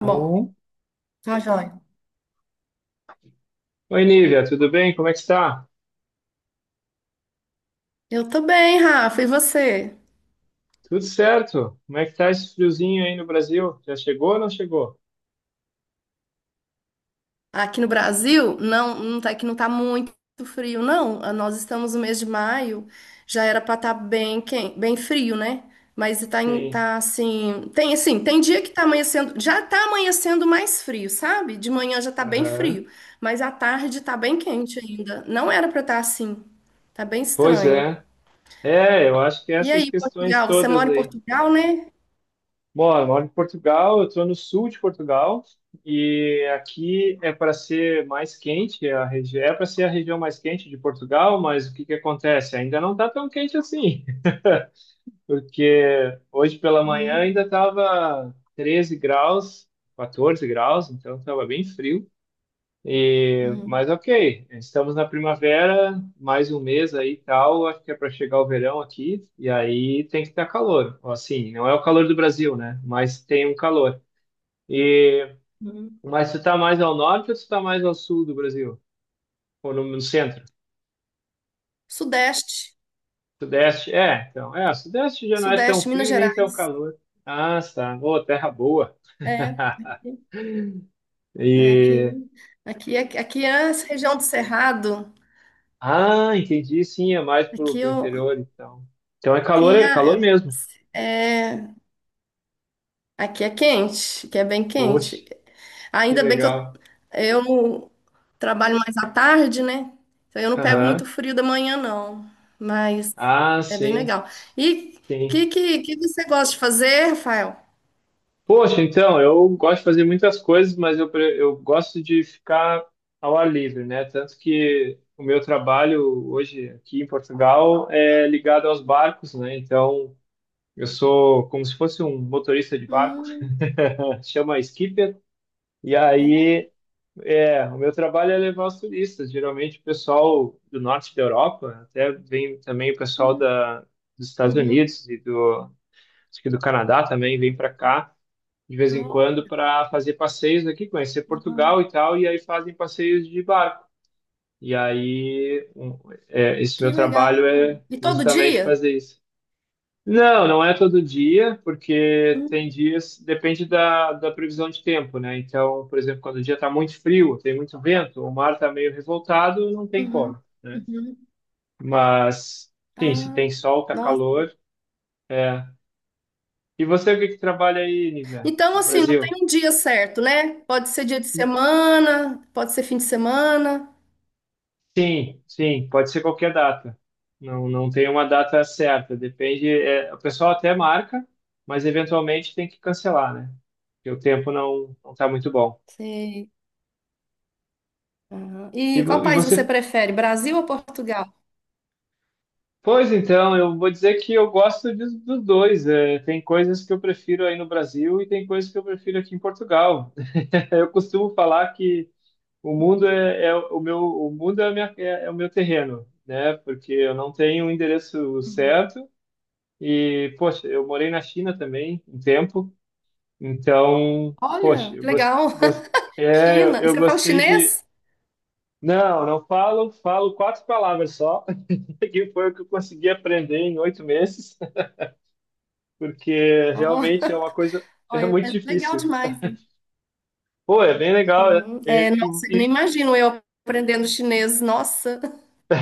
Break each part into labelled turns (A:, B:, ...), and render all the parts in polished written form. A: Tá bom.
B: Bom.
A: Tá joia.
B: Oi, Nívia, tudo bem? Como é que está?
A: Eu tô bem, Rafa, e você?
B: Tudo certo? Como é que está esse friozinho aí no Brasil? Já chegou ou não chegou?
A: Aqui no Brasil, não, não tá, que não tá muito frio, não. Ah, nós estamos no mês de maio, já era pra estar bem frio, né? Mas tá,
B: Sim.
A: tá assim, tem dia que tá amanhecendo, já tá amanhecendo mais frio, sabe? De manhã já tá bem
B: Aham.
A: frio, mas à tarde tá bem quente ainda. Não era pra estar assim. Tá bem
B: Pois
A: estranho.
B: é. É, eu acho que é
A: E
B: essas
A: aí,
B: questões
A: Portugal, você
B: todas
A: mora em
B: aí.
A: Portugal, né?
B: Bom, eu moro em Portugal, eu estou no sul de Portugal e aqui é para ser mais quente, é a região, é para ser a região mais quente de Portugal, mas o que que acontece? Ainda não está tão quente assim, porque hoje pela manhã
A: Uhum,
B: ainda estava 13 graus, 14 graus, então estava bem frio. E,
A: uhum,
B: mas ok, estamos na primavera, mais um mês aí e tal, acho que é para chegar o verão aqui, e aí tem que estar calor. Assim, não é o calor do Brasil, né? Mas tem um calor. E,
A: uhum.
B: mas tu tá mais ao norte ou tu tá mais ao sul do Brasil? Ou no centro?
A: Sudeste.
B: Sudeste? É, então, é, o Sudeste já não é tão
A: Sudeste, Minas
B: frio e nem tão
A: Gerais.
B: calor. Ah, tá. Ô, terra boa.
A: É, é aqui,
B: E
A: aqui é essa região do Cerrado.
B: ah, entendi, sim, é mais pro,
A: Aqui,
B: pro
A: eu,
B: interior, então. Então
A: aqui,
B: é calor
A: é,
B: mesmo.
A: é- Aqui é quente, aqui é bem quente.
B: Poxa, que
A: Ainda bem que eu,
B: legal.
A: eu trabalho mais à tarde, né? Então eu não pego muito
B: Aham.
A: frio da manhã, não. Mas
B: Ah,
A: é bem
B: sim,
A: legal. E o que,
B: sim.
A: que, que você gosta de fazer, Rafael?
B: Poxa, então, eu gosto de fazer muitas coisas, mas eu, eu gosto de ficar ao ar livre, né? Tanto que o meu trabalho hoje aqui em Portugal é ligado aos barcos, né? Então, eu sou como se fosse um motorista de barco,
A: Hum,
B: chama skipper. E
A: é?
B: aí. É, o meu trabalho é levar os turistas. Geralmente o pessoal do norte da Europa, até vem também o pessoal
A: Hum,
B: da, dos Estados
A: uhum.
B: Unidos e do, acho que do Canadá também vem para cá de vez em
A: Ah,
B: quando para fazer passeios aqui, conhecer
A: ah,
B: Portugal e tal, e aí fazem passeios de barco. E aí um, é, esse meu
A: que legal.
B: trabalho é
A: E todo
B: justamente
A: dia?
B: fazer isso. Não, não é todo dia, porque tem dias, depende da previsão de tempo, né? Então, por exemplo, quando o dia está muito frio, tem muito vento, o mar está meio revoltado, não tem
A: Uhum,
B: como, né?
A: uhum.
B: Mas, sim, se tem
A: Ah,
B: sol, tá
A: nossa.
B: calor, é. E você, o que que trabalha aí, Nívia,
A: Então,
B: no
A: assim, não
B: Brasil?
A: tem um dia certo, né? Pode ser dia de semana, pode ser fim de semana.
B: Sim, sim, pode ser qualquer data. Não, não tem uma data certa, depende. É, o pessoal até marca, mas eventualmente tem que cancelar, né? Porque o tempo não está muito bom.
A: Sei. Aham.
B: E,
A: E qual
B: vo- e
A: país você
B: você.
A: prefere, Brasil ou Portugal?
B: Pois então, eu vou dizer que eu gosto dos dois. É, tem coisas que eu prefiro aí no Brasil e tem coisas que eu prefiro aqui em Portugal. Eu costumo falar que o mundo é, é o meu, o mundo é, é o meu terreno, né? Porque eu não tenho um endereço
A: Uhum.
B: certo e, poxa, eu morei na China também um tempo, então, poxa,
A: Olha,
B: eu
A: que legal.
B: é,
A: China. E
B: eu
A: você fala
B: gostei de.
A: chinês?
B: Não, não falo quatro palavras só, que foi o que eu consegui aprender em 8 meses, porque
A: Ó,
B: realmente é uma coisa, é
A: Olha,
B: muito
A: mas legal
B: difícil.
A: demais, hein?
B: Pô, é bem legal. É,
A: Uhum. É,
B: é,
A: nossa, eu nem imagino eu aprendendo chinês. Nossa.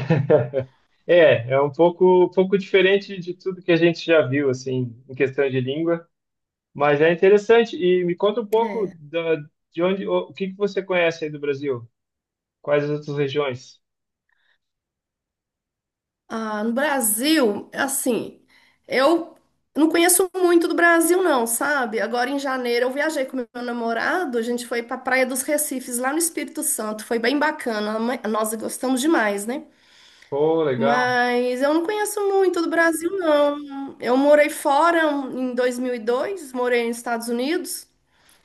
B: é, é um pouco diferente de tudo que a gente já viu, assim, em questão de língua, mas é interessante. E me conta um pouco
A: É.
B: da, de onde, o que que você conhece aí do Brasil? Quais as outras regiões?
A: Ah, no Brasil, assim, eu não conheço muito do Brasil, não, sabe? Agora em janeiro eu viajei com meu namorado, a gente foi para Praia dos Recifes, lá no Espírito Santo, foi bem bacana, nós gostamos demais, né?
B: Pô, legal.
A: Mas eu não conheço muito do Brasil, não. Eu morei fora em 2002, morei nos Estados Unidos,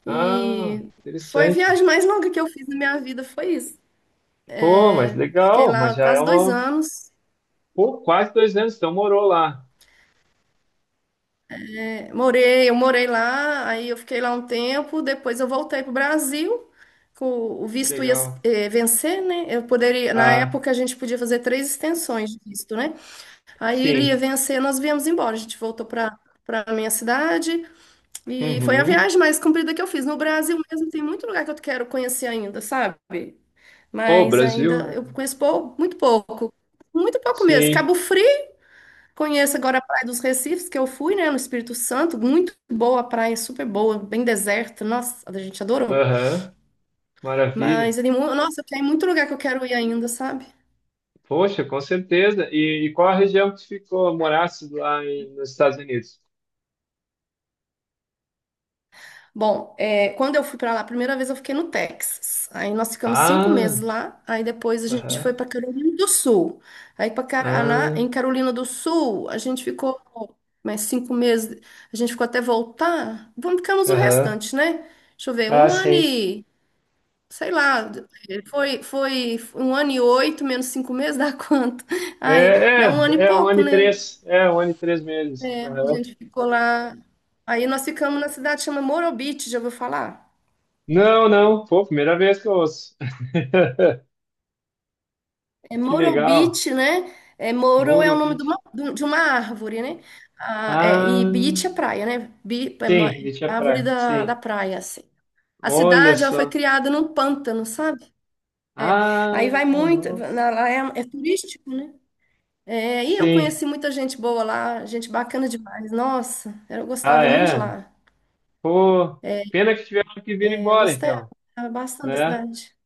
B: Ah,
A: e foi a
B: interessante.
A: viagem mais longa que eu fiz na minha vida, foi isso.
B: Pô, mas
A: Fiquei
B: legal, mas
A: lá
B: já é
A: quase dois
B: uma...
A: anos.
B: Pô, quase 2 anos, então morou lá.
A: Eu morei lá, aí eu fiquei lá um tempo, depois eu voltei para o Brasil, com o
B: Que
A: visto ia
B: legal.
A: vencer, né? Na
B: Ah,
A: época a gente podia fazer três extensões de visto, né? Aí ele ia
B: sim.
A: vencer, nós viemos embora, a gente voltou para minha cidade, e foi a
B: Uhum.
A: viagem mais comprida que eu fiz. No Brasil mesmo tem muito lugar que eu quero conhecer ainda, sabe?
B: Ô,
A: Mas
B: Brasil,
A: ainda eu
B: é.
A: conheço muito pouco mesmo.
B: Sim,
A: Cabo Frio. Conheço agora a Praia dos Recifes, que eu fui, né, no Espírito Santo. Muito boa a praia, super boa, bem deserta. Nossa, a gente adorou.
B: aham. Maravilha.
A: Mas, é nossa, tem muito lugar que eu quero ir ainda, sabe?
B: Poxa, com certeza. E qual a região que tu ficou, morasse lá nos Estados Unidos?
A: Bom, é, quando eu fui pra lá, a primeira vez eu fiquei no Texas. Aí nós ficamos cinco
B: Ah,
A: meses lá. Aí depois a gente
B: aham,
A: foi pra Carolina do Sul. Aí para Caraná,
B: ah,
A: em Carolina do Sul, a gente ficou mais 5 meses. A gente ficou até voltar. Vamos Ficamos o
B: aham,
A: restante, né? Deixa eu ver,
B: ah,
A: um ano
B: sim.
A: e sei lá, foi, um ano e oito, menos 5 meses, dá quanto?
B: É,
A: Ai dá um ano e
B: é, é um ano
A: pouco,
B: e
A: né?
B: três, é um ano e 3 meses.
A: É, a
B: Aham.
A: gente ficou lá. Aí nós ficamos na cidade que chama Morro Beach, já ouviu falar?
B: Não, não, pô, primeira vez que eu ouço.
A: É
B: Que
A: Morro
B: legal,
A: Beach, né? É, Morro é
B: Muro
A: o nome de
B: Beach.
A: uma, de uma árvore, né? Ah, é, e
B: Ah,
A: Beach é praia, né? É
B: sim, Beach é
A: é árvore
B: praia,
A: da
B: sim.
A: praia, assim. A
B: Olha
A: cidade, ela foi
B: só.
A: criada num pântano, sabe? É. Aí vai
B: Ah,
A: muito,
B: nossa,
A: lá é turístico, né? É, e eu conheci
B: sim.
A: muita gente boa lá, gente bacana demais. Nossa, eu
B: Ah,
A: gostava muito de
B: é?
A: lá.
B: Pô, pena que tiveram que vir
A: É, eu
B: embora,
A: gostei
B: então,
A: bastante da
B: né?
A: cidade.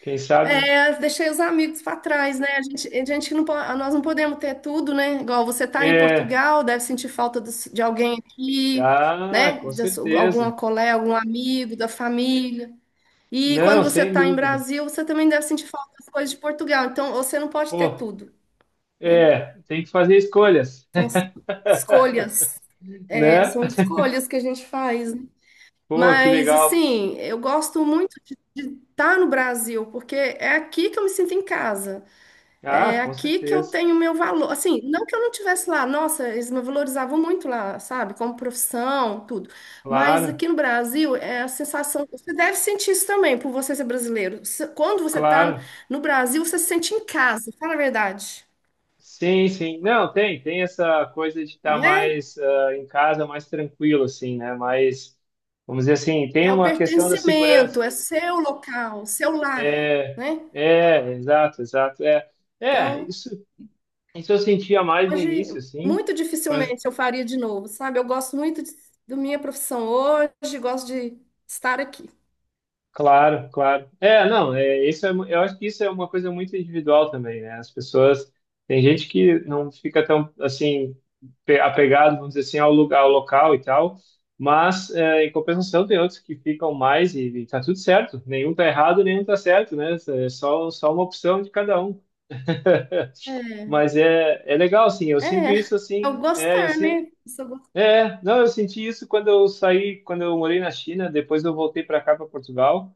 B: Quem sabe.
A: É, deixei os amigos para trás, né? A gente não, po- Nós não podemos ter tudo, né? Igual você tá em
B: É.
A: Portugal, deve sentir falta de alguém aqui,
B: Ah,
A: né?
B: com
A: De alguma
B: certeza.
A: colega, algum amigo da família. E
B: Não,
A: quando você
B: sem
A: tá em
B: dúvida.
A: Brasil, você também deve sentir falta das coisas de Portugal. Então, você não pode ter
B: Pô,
A: tudo, né?
B: é, tem que fazer escolhas,
A: Então, são escolhas. É,
B: né?
A: são escolhas que a gente faz, né?
B: Pô, que
A: Mas,
B: legal.
A: assim, eu gosto muito de estar no Brasil, porque é aqui que eu me sinto em casa.
B: Ah,
A: É
B: com
A: aqui que eu
B: certeza.
A: tenho meu valor. Assim, não que eu não tivesse lá, nossa, eles me valorizavam muito lá, sabe? Como profissão, tudo. Mas
B: Claro,
A: aqui no Brasil, é a sensação. Você deve sentir isso também, por você ser brasileiro. Quando você está
B: claro.
A: no Brasil, você se sente em casa, fala a verdade,
B: Sim, sim. Não, tem essa coisa de estar
A: né?
B: mais ah, em casa, mais tranquilo, assim, né? Mas, vamos dizer assim, tem
A: É o
B: uma questão da segurança.
A: pertencimento, é seu local, seu lar,
B: É,
A: né?
B: é, exato, exato. É, é,
A: Então,
B: isso eu sentia mais no início,
A: hoje,
B: assim,
A: muito
B: mas
A: dificilmente eu faria de novo, sabe? Eu gosto muito da minha profissão hoje, gosto de estar aqui.
B: claro, claro. É, não, é, isso é, eu acho que isso é uma coisa muito individual também, né? As pessoas, tem gente que não fica tão, assim, apegado, vamos dizer assim, ao lugar, ao local e tal, mas é, em compensação tem outros que ficam mais e tá tudo certo, nenhum tá errado, nenhum tá certo, né? É só uma opção de cada um.
A: É,
B: Mas é, é legal, assim, eu sinto
A: é,
B: isso,
A: é o
B: assim, é, eu
A: gostar,
B: sinto.
A: né? Isso eu gosto.
B: É, não, eu senti isso quando eu saí, quando eu morei na China, depois eu voltei para cá, para Portugal.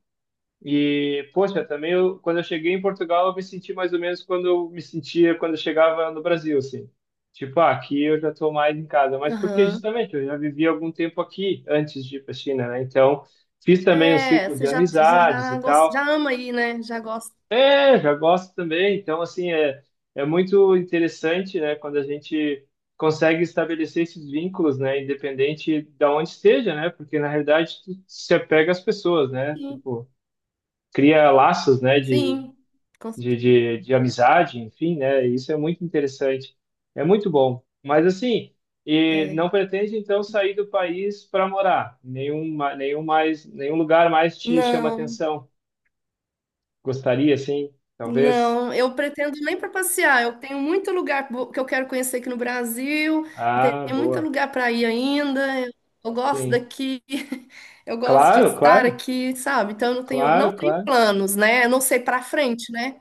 B: E, poxa, também eu, quando eu cheguei em Portugal, eu me senti mais ou menos quando eu me sentia quando eu chegava no Brasil, assim. Tipo, ah, aqui eu já estou mais em casa, mas porque
A: Aham.
B: justamente eu já vivi algum tempo aqui antes de ir para a China, né? Então, fiz também um
A: É,
B: círculo
A: você
B: de
A: já, você
B: amizades
A: já,
B: e
A: gosta,
B: tal.
A: já ama aí, né? Já gosta.
B: É, já gosto também. Então, assim, é, é muito interessante, né, quando a gente consegue estabelecer esses vínculos, né, independente da onde esteja, né, porque na realidade tu se apega às pessoas, né,
A: Sim,
B: tipo, cria laços, né, de,
A: sim, com
B: de,
A: certeza.
B: de, de amizade, enfim, né, e isso é muito interessante. É muito bom. Mas, assim, e não pretende, então, sair do país para morar? Nenhum, nenhum mais, nenhum lugar mais te chama
A: Não.
B: atenção? Gostaria, sim, talvez?
A: Não, eu pretendo nem para passear. Eu tenho muito lugar que eu quero conhecer aqui no Brasil. Eu
B: Ah,
A: tenho muito
B: boa.
A: lugar para ir ainda. Eu gosto
B: Sim.
A: daqui. Eu gosto de
B: Claro,
A: estar
B: claro,
A: aqui, sabe? Então eu não tenho, não
B: claro,
A: tenho
B: claro.
A: planos, né? Eu não sei para frente, né?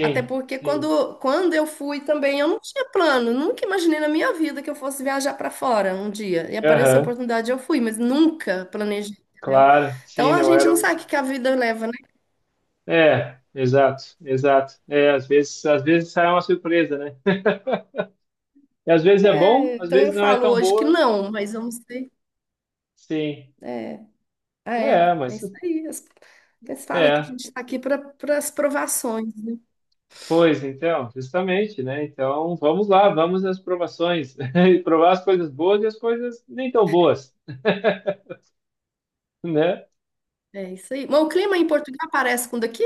A: Até porque
B: sim.
A: quando eu fui também, eu não tinha plano. Nunca imaginei na minha vida que eu fosse viajar para fora um dia. E apareceu a
B: Aham,
A: oportunidade, eu fui, mas nunca planejei, entendeu?
B: claro. Sim,
A: Então a
B: não
A: gente não
B: era
A: sabe
B: um.
A: o que que a vida leva.
B: É, exato, exato. É, às vezes sai uma surpresa, né? E às vezes é bom,
A: É,
B: às
A: então eu
B: vezes não é
A: falo
B: tão
A: hoje que
B: boa.
A: não, mas vamos ter.
B: Sim.
A: É, ah, é,
B: É,
A: é
B: mas
A: isso aí. Eles falam que a
B: é.
A: gente está aqui para as provações, né?
B: Pois então, justamente, né? Então, vamos lá, vamos às provações. E provar as coisas boas e as coisas nem tão boas, né?
A: É isso aí. Mas o clima em Portugal parece com o daqui?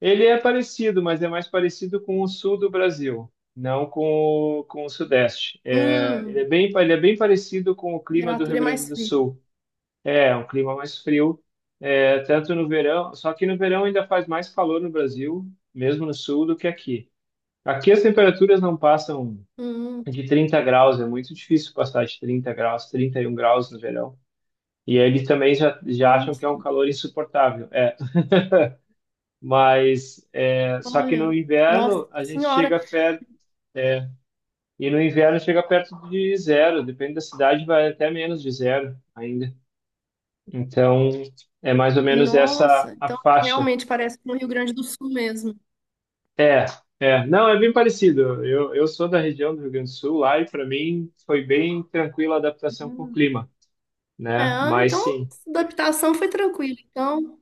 B: Ele é parecido, mas é mais parecido com o sul do Brasil, não com o sudeste. É, ele
A: Hum,
B: é bem, ele é bem parecido com o
A: a
B: clima do Rio
A: temperatura é
B: Grande
A: mais
B: do
A: fria.
B: Sul. É, é um clima mais frio, é, tanto no verão, só que no verão ainda faz mais calor no Brasil, mesmo no sul, do que aqui. Aqui as temperaturas não passam
A: Hum,
B: de 30 graus, é muito difícil passar de 30 graus, 31 graus no verão. E eles também já acham que é um
A: Nossa,
B: calor insuportável. É, mas é, só que no
A: olha, nossa
B: inverno a gente
A: senhora,
B: chega a. E no inverno chega perto de zero, depende da cidade, vai até menos de zero ainda. Então, é mais ou menos essa
A: nossa.
B: a
A: Então
B: faixa.
A: realmente parece com o Rio Grande do Sul mesmo.
B: É, é. Não, é bem parecido. Eu sou da região do Rio Grande do Sul, lá e para mim foi bem tranquila a adaptação com o
A: Hum.
B: clima,
A: É,
B: né?
A: ah,
B: Mas
A: então
B: sim.
A: adaptação foi tranquila. Então,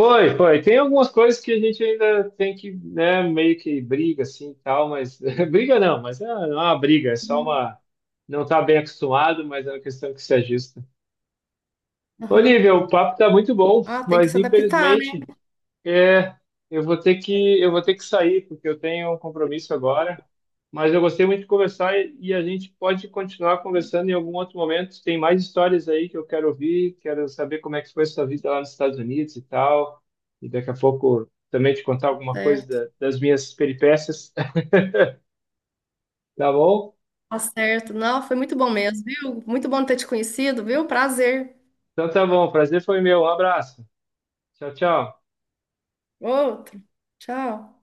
B: Foi, foi. Tem algumas coisas que a gente ainda tem que, né, meio que briga assim e tal, mas briga não, mas é, não é uma briga, é só
A: uhum,
B: uma. Não está bem acostumado, mas é uma questão que se ajusta.
A: aham.
B: Olívia, o papo tá muito bom,
A: Ah, tem que
B: mas
A: se adaptar, né?
B: infelizmente é, eu vou ter que sair porque eu tenho um compromisso agora. Mas eu gostei muito de conversar e a gente pode continuar conversando em algum outro momento. Tem mais histórias aí que eu quero ouvir, quero saber como é que foi a sua vida lá nos Estados Unidos e tal. E daqui a pouco também te contar alguma coisa
A: Certo.
B: das minhas peripécias, tá bom?
A: Tá certo. Não, foi muito bom mesmo, viu? Muito bom ter te conhecido, viu? Prazer.
B: Então tá bom, prazer foi meu, um abraço. Tchau, tchau.
A: Outro. Tchau.